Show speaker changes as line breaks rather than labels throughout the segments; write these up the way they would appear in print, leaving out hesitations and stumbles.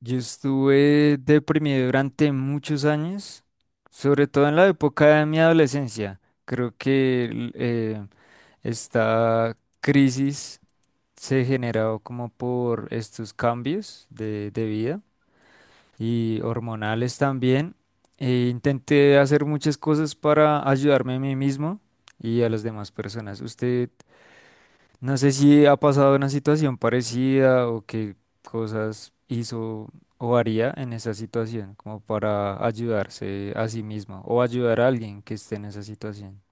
Yo estuve deprimido durante muchos años, sobre todo en la época de mi adolescencia. Creo que esta crisis se generó como por estos cambios de vida y hormonales también. E intenté hacer muchas cosas para ayudarme a mí mismo y a las demás personas. Usted no sé si ha pasado una situación parecida o qué cosas hizo o haría en esa situación, como para ayudarse a sí mismo o ayudar a alguien que esté en esa situación.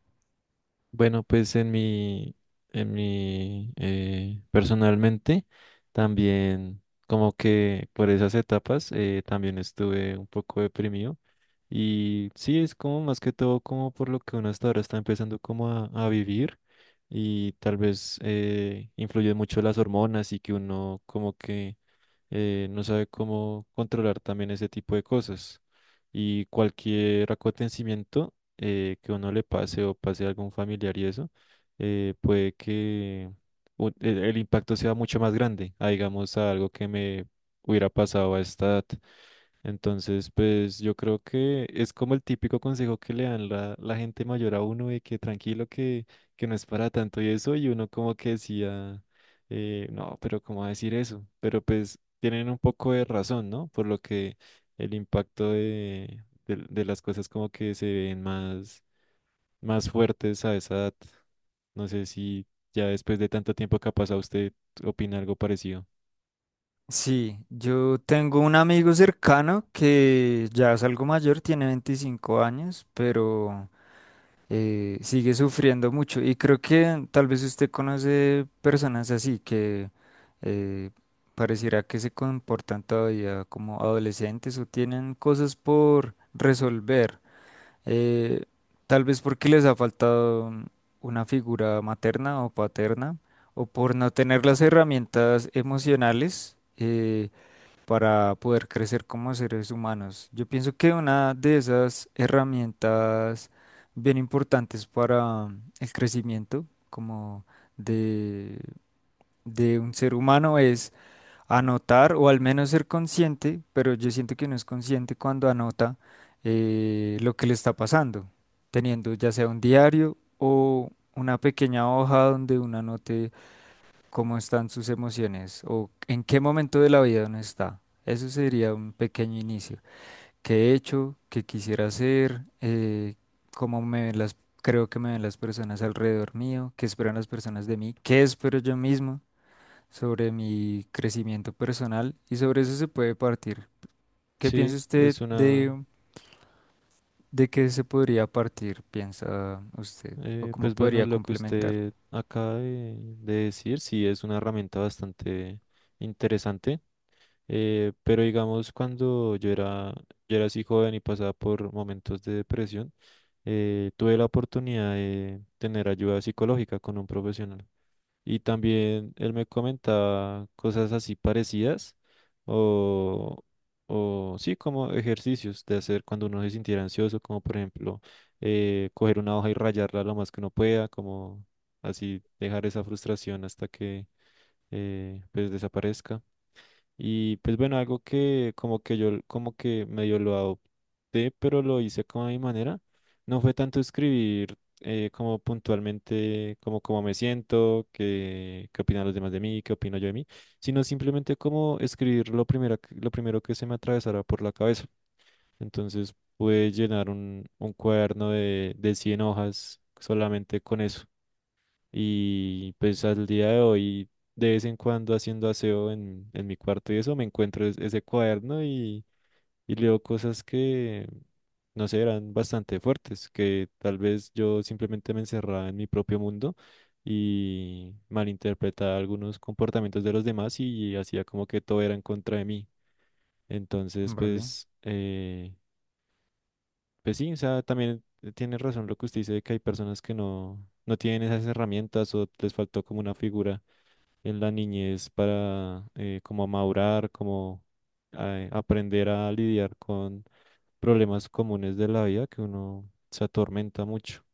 Bueno, pues personalmente, también como que por esas etapas también estuve un poco deprimido y sí, es como más que todo como por lo que uno hasta ahora está empezando como a vivir y tal vez influye mucho las hormonas y que uno como que no sabe cómo controlar también ese tipo de cosas. Y cualquier acontecimiento que uno le pase o pase a algún familiar y eso, puede que el impacto sea mucho más grande, a, digamos, a algo que me hubiera pasado a esta edad. Entonces, pues yo creo que es como el típico consejo que le dan la gente mayor a uno de que tranquilo, que no es para tanto y eso, y uno como que decía, no, pero ¿cómo va a decir eso? Pero pues tienen un poco de razón, ¿no? Por lo que el impacto de las cosas como que se ven más fuertes a esa edad. No sé si ya después de tanto tiempo que ha pasado usted opina algo parecido.
Sí, yo tengo un amigo cercano que ya es algo mayor, tiene 25 años, pero sigue sufriendo mucho. Y creo que tal vez usted conoce personas así que eh, pareciera que se comportan todavía como adolescentes o tienen cosas por resolver. eh, Tal vez porque les ha faltado una figura materna o paterna o por no tener las herramientas emocionales. Para poder crecer como seres humanos. Yo pienso que una de esas herramientas bien importantes para el crecimiento como de, de un ser humano es anotar o al menos ser consciente, pero yo siento que no es consciente cuando anota lo que le está pasando, teniendo ya sea un diario o una pequeña hoja donde uno anote cómo están sus emociones o en qué momento de la vida uno está. Eso sería un pequeño inicio. ¿Qué he hecho? ¿Qué quisiera hacer? ¿Cómo me ven las, Creo que me ven las personas alrededor mío? ¿Qué esperan las personas de mí? ¿Qué espero yo mismo sobre mi crecimiento personal? Y sobre eso se puede partir. ¿Qué
Sí,
piensa usted
es una.
de, ¿De qué se podría partir, piensa usted? ¿O cómo
Pues bueno,
podría
lo que
complementar?
usted acaba de decir, sí es una herramienta bastante interesante, pero digamos yo era así joven y pasaba por momentos de depresión, tuve la oportunidad de tener ayuda psicológica con un profesional. Y también él me comentaba cosas así parecidas o, o sí, como ejercicios de hacer cuando uno se sintiera ansioso, como por ejemplo coger una hoja y rayarla lo más que uno pueda, como así dejar esa frustración hasta que pues desaparezca. Y pues bueno, algo que como que yo como que medio lo adopté, pero lo hice como a mi manera. No fue tanto escribir como puntualmente, como cómo me siento, qué opinan los demás de mí, qué opino yo de mí, sino simplemente como escribir lo primero, lo primero que se me atravesara por la cabeza. Entonces pude llenar un cuaderno de 100 hojas solamente con eso. Y pues al día de hoy, de vez en cuando haciendo aseo en mi cuarto y eso, me encuentro ese cuaderno y leo cosas que, no sé, eran bastante fuertes, que tal vez yo simplemente me encerraba en mi propio mundo y malinterpretaba algunos comportamientos de los demás y hacía como que todo era en contra de mí. Entonces,
¿Vale?
pues, pues sí, o sea, también tiene razón lo que usted dice de que hay personas que no, no tienen esas herramientas o les faltó como una figura en la niñez para como madurar, como aprender a lidiar con problemas comunes de la vida que uno se atormenta mucho.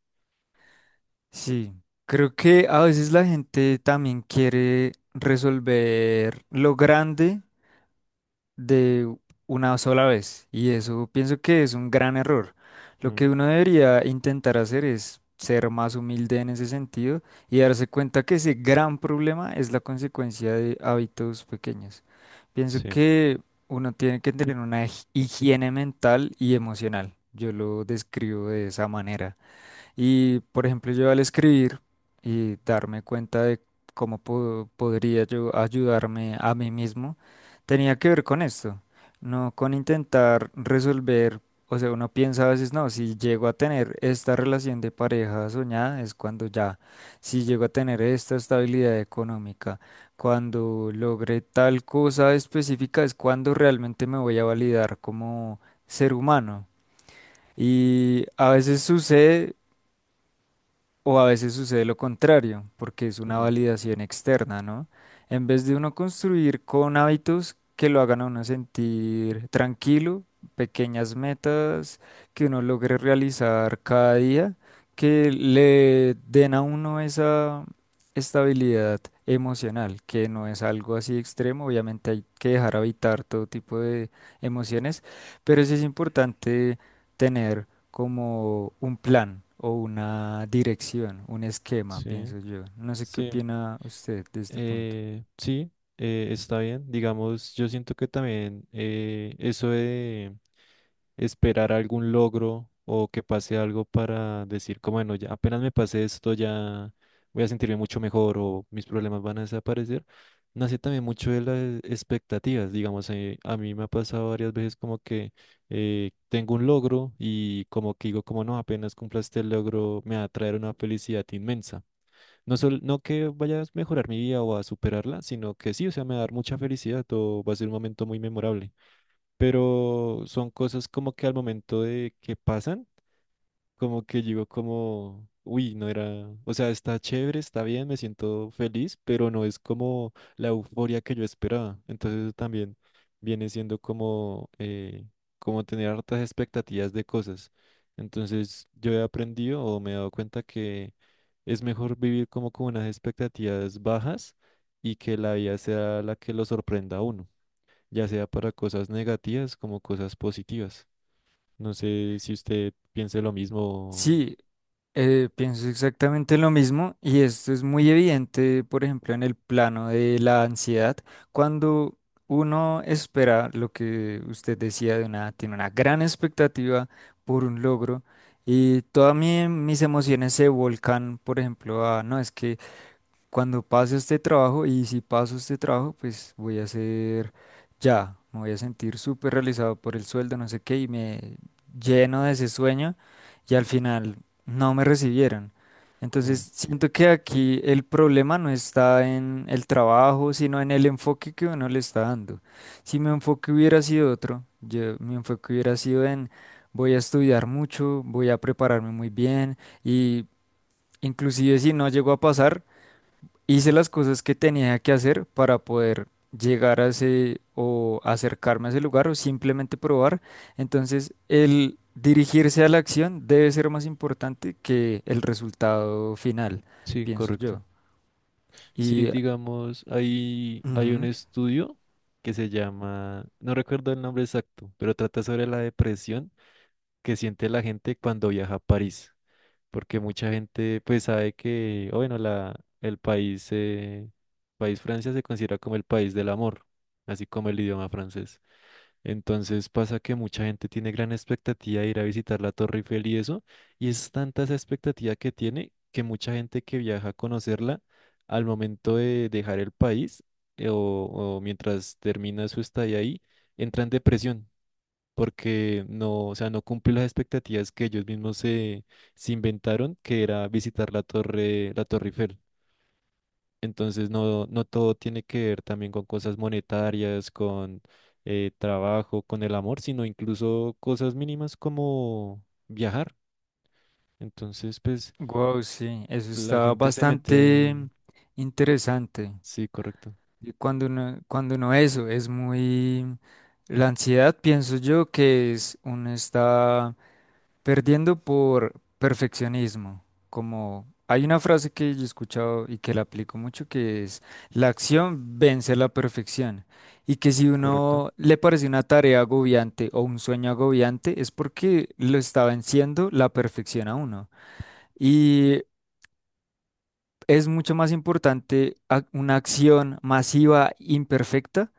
Sí, creo que a veces la gente también quiere resolver lo grande de una sola vez y eso pienso que es un gran error. Lo que
Mm,
uno debería intentar hacer es ser más humilde en ese sentido y darse cuenta que ese gran problema es la consecuencia de hábitos pequeños. Pienso
sí.
que uno tiene que tener una higiene mental y emocional. Yo lo describo de esa manera. Y, por ejemplo, yo al escribir y darme cuenta de cómo podría yo ayudarme a mí mismo, tenía que ver con esto, no con intentar resolver, o sea, uno piensa a veces, no, si llego a tener esta relación de pareja soñada es cuando ya, si llego a tener esta estabilidad económica, cuando logre tal cosa específica es cuando realmente me voy a validar como ser humano. Y a veces sucede o a veces sucede lo contrario, porque es una
Mm,
validación externa, ¿no? En vez de uno construir con hábitos que lo hagan a uno sentir tranquilo, pequeñas metas que uno logre realizar cada día, que le den a uno esa estabilidad emocional, que no es algo así extremo, obviamente hay que dejar habitar todo tipo de emociones, pero sí es importante tener como un plan o una dirección, un esquema,
sí,
pienso yo. No sé qué
sí.
opina usted de este punto.
Eh, sí, está bien. Digamos, yo siento que también eso de esperar algún logro o que pase algo para decir, como bueno, ya apenas me pase esto, ya voy a sentirme mucho mejor o mis problemas van a desaparecer, nace también mucho de las expectativas. Digamos, a mí me ha pasado varias veces como que tengo un logro y como que digo, como no, apenas cumpla este logro, me va a traer una felicidad inmensa. No, no que vaya a mejorar mi vida o a superarla, sino que sí, o sea, me va a dar mucha felicidad o va a ser un momento muy memorable. Pero son cosas como que al momento de que pasan, como que llegó como, uy, no era, o sea, está chévere, está bien, me siento feliz, pero no es como la euforia que yo esperaba. Entonces también viene siendo como, como tener hartas expectativas de cosas. Entonces yo he aprendido o me he dado cuenta que es mejor vivir como con unas expectativas bajas y que la vida sea la que lo sorprenda a uno, ya sea para cosas negativas como cosas positivas. No sé si usted piense lo mismo.
Sí, pienso exactamente lo mismo y esto es muy evidente, por ejemplo, en el plano de la ansiedad, cuando uno espera lo que usted decía de una, tiene una gran expectativa por un logro y todas mis emociones se volcan, por ejemplo, a, no, es que cuando pase este trabajo, y si paso este trabajo, pues voy a ser ya, me voy a sentir súper realizado por el sueldo, no sé qué, y me lleno de ese sueño y al final no me recibieron.
Mm.
Entonces, siento que aquí el problema no está en el trabajo, sino en el enfoque que uno le está dando. Si mi enfoque hubiera sido otro, yo, mi enfoque hubiera sido en voy a estudiar mucho, voy a prepararme muy bien y inclusive si no llego a pasar, hice las cosas que tenía que hacer para poder llegar a ese o acercarme a ese lugar o simplemente probar. Entonces, el dirigirse a la acción debe ser más importante que el resultado final,
Sí,
pienso
correcto.
yo.
Sí,
Y,
digamos, hay un estudio que se llama, no recuerdo el nombre exacto, pero trata sobre la depresión que siente la gente cuando viaja a París. Porque mucha gente pues sabe que, o bueno, el país, país Francia se considera como el país del amor, así como el idioma francés. Entonces pasa que mucha gente tiene gran expectativa de ir a visitar la Torre Eiffel y eso, y es tanta esa expectativa que tiene que mucha gente que viaja a conocerla al momento de dejar el país o mientras termina su estadía ahí, entra en depresión porque no, o sea, no cumple las expectativas que ellos mismos se inventaron, que era visitar la Torre Eiffel. Entonces, no, no todo tiene que ver también con cosas monetarias, con trabajo, con el amor, sino incluso cosas mínimas como viajar. Entonces, pues
wow, sí, eso
la
está
gente se mete.
bastante
En-
interesante.
Sí, correcto,
Y cuando uno eso es muy... La ansiedad, pienso yo, que es uno está perdiendo por perfeccionismo, como hay una frase que yo he escuchado y que la aplico mucho, que es la acción vence la perfección. Y que si
correcto.
uno le parece una tarea agobiante o un sueño agobiante, es porque lo está venciendo la perfección a uno. Y es mucho más importante una acción masiva imperfecta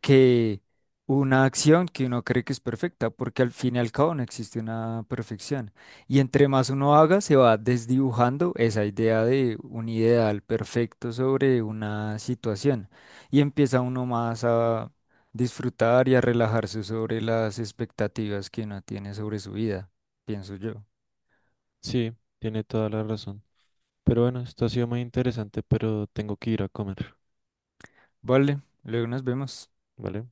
que una acción que uno cree que es perfecta, porque al fin y al cabo no existe una perfección. Y entre más uno haga, se va desdibujando esa idea de un ideal perfecto sobre una situación y empieza uno más a disfrutar y a relajarse sobre las expectativas que uno tiene sobre su vida, pienso yo.
Sí, tiene toda la razón. Pero bueno, esto ha sido muy interesante, pero tengo que ir a comer,
Vale, luego nos vemos.
¿vale?